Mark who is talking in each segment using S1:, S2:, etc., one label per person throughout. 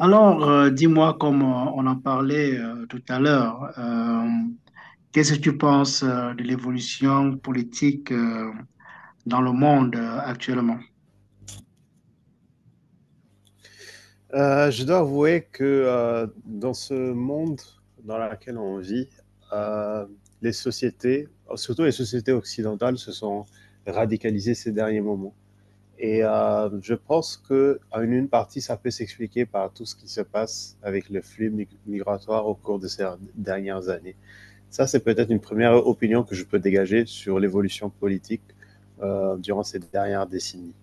S1: Alors, dis-moi, comme on en parlait tout à l'heure, qu'est-ce que tu penses de l'évolution politique dans le monde actuellement?
S2: Je dois avouer que dans ce monde dans lequel on vit, euh, les sociétés, surtout les sociétés occidentales, se sont radicalisées ces derniers moments. Et je pense que en une partie, ça peut s'expliquer par tout ce qui se passe avec le migratoire au cours de ces dernières années. Ça, c'est peut-être une première opinion que je peux dégager sur l'évolution politique durant ces dernières décennies.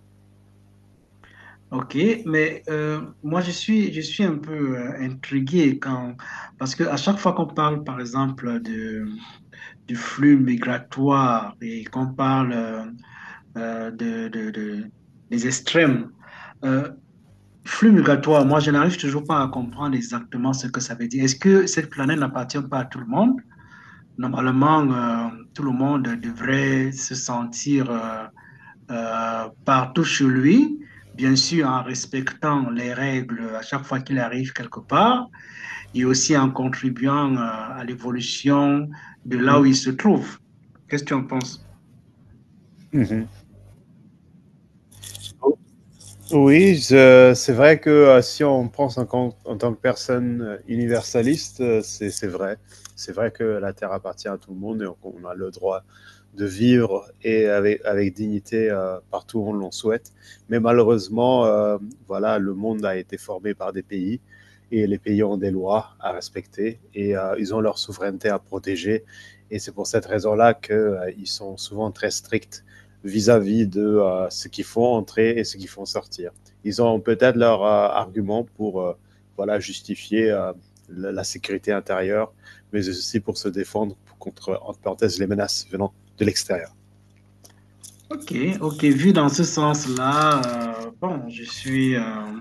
S1: Ok, mais moi je suis un peu intrigué quand parce que à chaque fois qu'on parle par exemple de du flux migratoire et qu'on parle de- des extrêmes, euh, flux migratoire, moi, je n'arrive toujours pas à comprendre exactement ce que ça veut dire. Est-ce que cette planète n'appartient pas à tout le monde? Normalement, tout le monde devrait se sentir partout chez lui, bien sûr en respectant les règles à chaque fois qu'il arrive quelque part et aussi en contribuant à l'évolution de là où
S2: Mhm.
S1: il se trouve. Qu'est-ce que tu en penses?
S2: Vous, oui, c'est vrai que si on pense en tant que personne universaliste, c'est vrai. C'est vrai que la Terre appartient à tout le monde et on a le droit de vivre et avec, avec dignité partout où on l'en souhaite. Mais malheureusement, voilà, le monde a été formé par des pays et les pays ont des lois à respecter et ils ont leur souveraineté à protéger. Et c'est pour cette raison-là qu'ils sont souvent très stricts vis-à-vis de ce qu'ils font entrer et ce qu'ils font sortir. Ils ont peut-être leur argument pour voilà, justifier la sécurité intérieure, mais aussi pour se défendre contre, entre parenthèses, les menaces venant de l'extérieur.
S1: Ok, ok, vu dans ce sens-là, bon, je suis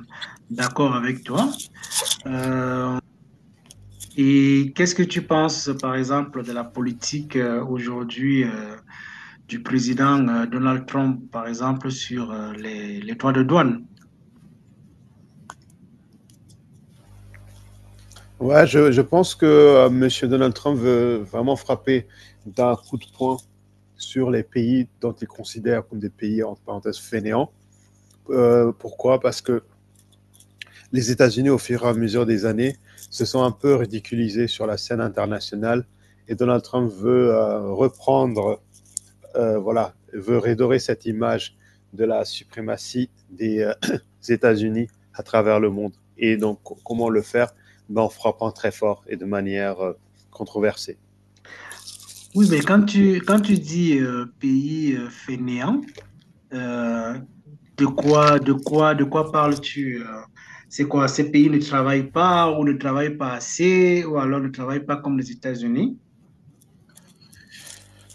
S1: d'accord avec toi. Euh, Et qu'est-ce que tu penses, par exemple, de la politique aujourd'hui du président Donald Trump, par exemple, sur les droits de douane?
S2: Ouais, je pense que Monsieur M. Donald Trump veut vraiment frapper d'un coup de poing sur les pays dont il considère comme des pays, entre parenthèses, fainéants. Pourquoi? Parce que les États-Unis, au fur et à mesure des années, se sont un peu ridiculisés sur la scène internationale et Donald Trump veut reprendre, voilà, veut redorer cette image de la suprématie des États-Unis à travers le monde. Et donc, comment le faire? Ben, en frappant très fort et de manière controversée.
S1: Oui, mais quand tu dis pays fainéant, euh, de quoi parles-tu? C'est quoi? Ces pays ne travaillent pas ou ne travaillent pas assez ou alors ne travaillent pas comme les États-Unis?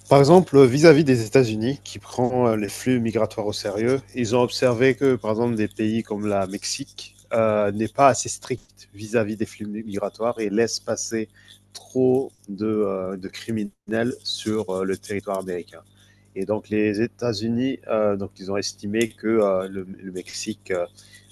S2: Par exemple, vis-à-vis des États-Unis, qui prend les flux migratoires au sérieux, ils ont observé que, par exemple, des pays comme la Mexique n'est pas assez strict vis-à-vis des flux migratoires et laisse passer trop de criminels sur le territoire américain. Et donc les États-Unis, donc ils ont estimé que le Mexique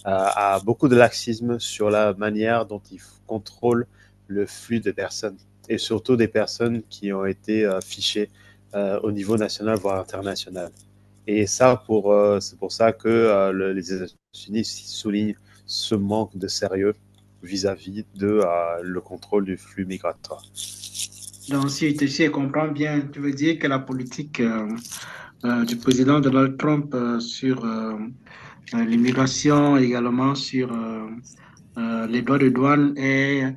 S2: a beaucoup de laxisme sur la manière dont il contrôle le flux des personnes et surtout des personnes qui ont été fichées au niveau national, voire international. Et ça, c'est pour ça que les États-Unis soulignent ce manque de sérieux vis-à-vis de le contrôle du flux migratoire.
S1: Donc, si je comprends bien, tu veux dire que la politique du président Donald Trump sur l'immigration, également sur les droits de douane est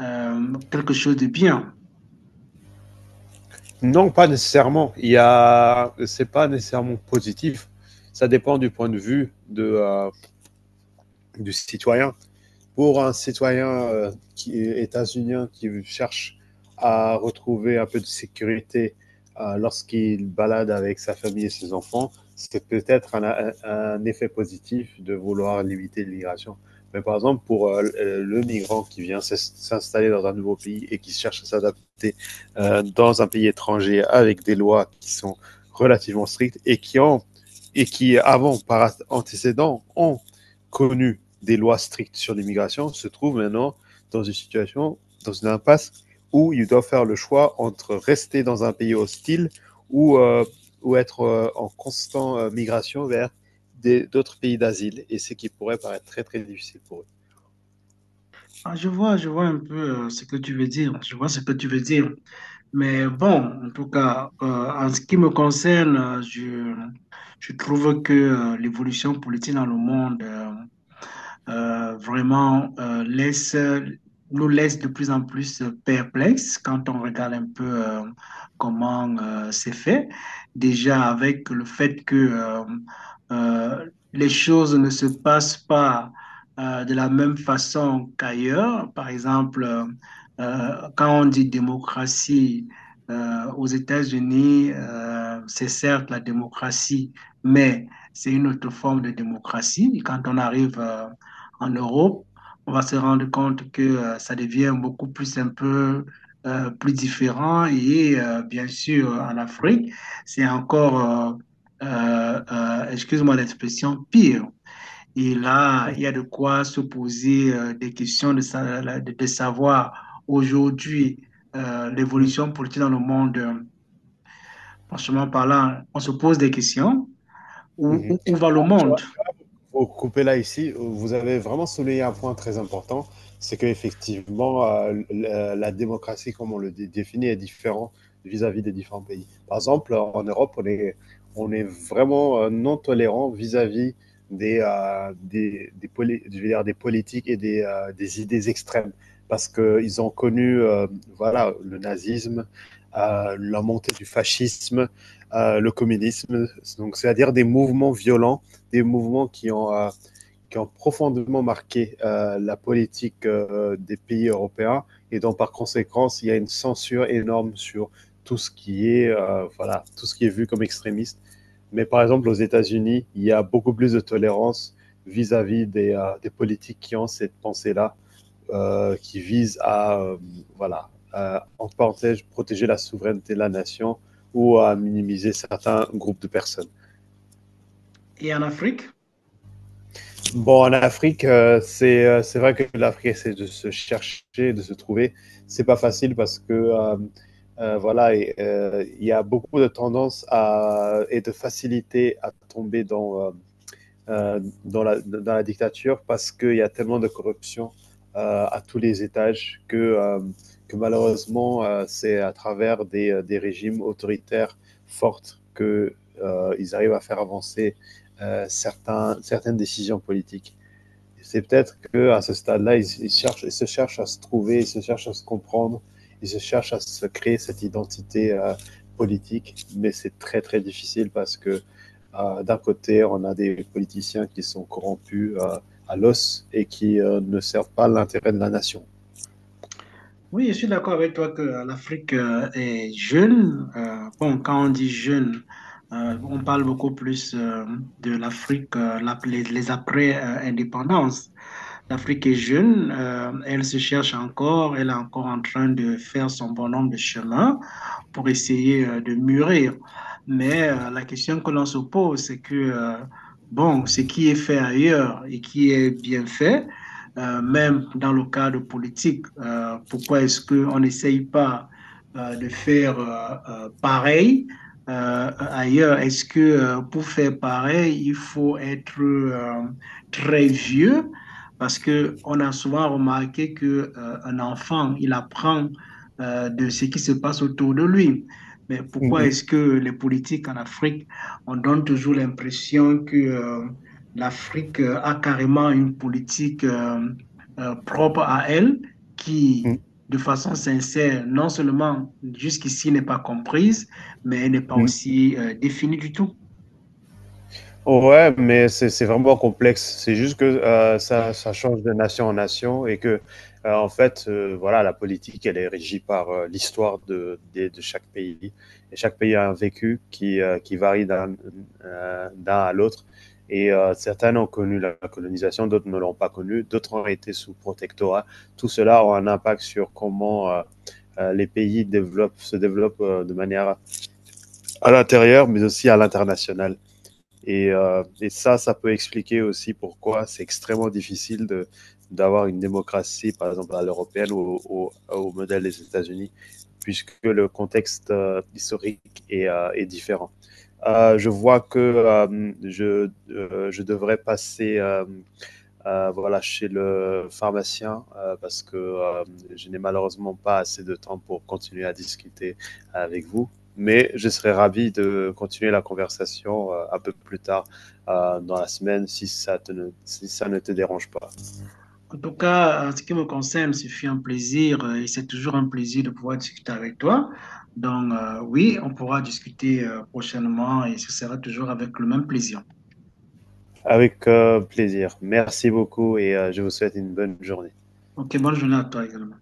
S1: quelque chose de bien.
S2: Non, pas nécessairement. Il y a, c'est pas nécessairement positif. Ça dépend du point de vue du citoyen. Pour un citoyen qui est états-unien qui cherche à retrouver un peu de sécurité lorsqu'il balade avec sa famille et ses enfants, c'est peut-être un effet positif de vouloir limiter l'immigration. Mais par exemple, pour le migrant qui vient s'installer dans un nouveau pays et qui cherche à s'adapter dans un pays étranger avec des lois qui sont relativement strictes et et qui avant, par antécédent, ont connu des lois strictes sur l'immigration, se trouve maintenant dans une situation, dans une impasse où ils doivent faire le choix entre rester dans un pays hostile ou, euh, ou être en constante migration vers d'autres pays d'asile. Et ce qui pourrait paraître très, très difficile pour
S1: Ah, je vois un peu ce que tu veux dire. Je vois ce que tu veux dire. Mais bon, en tout cas, en ce qui me concerne, je trouve que l'évolution politique dans le monde vraiment laisse, nous laisse de plus en plus perplexes quand on regarde un peu comment c'est fait. Déjà avec le fait que euh, les choses ne se passent pas de la même façon qu'ailleurs. Par exemple, quand on dit démocratie aux États-Unis, c'est certes la démocratie, mais c'est une autre forme de démocratie. Quand on arrive en Europe, on va se rendre compte que ça devient beaucoup plus un peu plus différent. Et bien sûr, en Afrique, c'est encore, excuse-moi l'expression, pire. Et là, il y a de quoi se poser des questions de savoir
S2: eux.
S1: aujourd'hui
S2: Tu
S1: l'évolution politique dans le monde. Franchement parlant, on se pose des questions. Où,
S2: vois,
S1: où, où va le monde?
S2: faut couper là ici. Vous avez vraiment souligné un point très important, c'est qu'effectivement, la démocratie, comme on le définit, est différente vis-à-vis des différents pays. Par exemple, en Europe, on est vraiment non tolérant vis-à-vis je veux dire, des politiques et des idées extrêmes, parce qu'ils ont connu voilà, le nazisme, la montée du fascisme, le communisme, donc c'est-à-dire des mouvements violents, des mouvements qui qui ont profondément marqué la politique des pays européens. Et donc, par conséquent, il y a une censure énorme sur tout ce qui est, voilà, tout ce qui est vu comme extrémiste. Mais par exemple, aux États-Unis, il y a beaucoup plus de tolérance vis-à-vis -vis des politiques qui ont cette pensée-là, qui vise voilà, à, en parenthèse, protéger la souveraineté de la nation ou à minimiser certains groupes de personnes.
S1: Et en Afrique?
S2: Bon, en Afrique, c'est vrai que l'Afrique c'est de se chercher, de se trouver. C'est pas facile parce que voilà, il y a beaucoup de tendance à, et de facilité à tomber euh, dans la dictature parce qu'il y a tellement de corruption à tous les étages que malheureusement, c'est à travers des régimes autoritaires fortes que, ils arrivent à faire avancer certaines décisions politiques. C'est peut-être que à ce stade-là, ils cherchent, ils se cherchent à se trouver, ils se cherchent à se comprendre, ils se cherchent à se créer cette identité politique, mais c'est très très difficile parce que d'un côté, on a des politiciens qui sont corrompus à l'os et qui ne servent pas l'intérêt de la nation.
S1: Oui, je suis d'accord avec toi que l'Afrique est jeune. Bon, quand on dit jeune, on parle beaucoup plus de l'Afrique, les après-indépendances. L'Afrique est jeune, elle se cherche encore, elle est encore en train de faire son bon nombre de chemins pour essayer de mûrir. Mais la question que l'on se pose, c'est que, bon, ce qui est fait ailleurs et qui est bien fait, même dans le cadre politique, pourquoi est-ce qu'on n'essaye pas de faire pareil ailleurs? Est-ce que pour faire pareil, il faut être très vieux? Parce que on a souvent remarqué que, un enfant, il apprend de ce qui se passe autour de lui. Mais pourquoi
S2: Mm,
S1: est-ce que les politiques en Afrique, on donne toujours l'impression que l'Afrique a carrément une politique propre à elle
S2: mm,
S1: qui, de façon sincère, non seulement jusqu'ici n'est pas comprise, mais elle n'est pas
S2: mm.
S1: aussi définie du tout.
S2: Ouais, mais c'est vraiment complexe. C'est juste que ça change de nation en nation et que, en fait, voilà, la politique, elle est régie par l'histoire de chaque pays. Et chaque pays a un vécu qui varie d'un d'un à l'autre. Et certains ont connu la colonisation, d'autres ne l'ont pas connue, d'autres ont été sous protectorat. Tout cela a un impact sur comment les pays développent, se développent de manière à l'intérieur, mais aussi à l'international. Et ça, ça peut expliquer aussi pourquoi c'est extrêmement difficile d'avoir une démocratie, par exemple, à l'européenne au modèle des États-Unis, puisque le contexte historique est différent. Je vois que je devrais passer voilà, chez le pharmacien parce que je n'ai malheureusement pas assez de temps pour continuer à discuter avec vous. Mais je serais ravi de continuer la conversation un peu plus tard dans la semaine si ça, te ne, si ça ne te dérange pas.
S1: En tout cas, en ce qui me concerne, ce fut un plaisir et c'est toujours un plaisir de pouvoir discuter avec toi. Donc, oui, on pourra discuter prochainement et ce sera toujours avec le même plaisir.
S2: Avec plaisir. Merci beaucoup et je vous souhaite une bonne journée.
S1: Ok, bonne journée à toi également.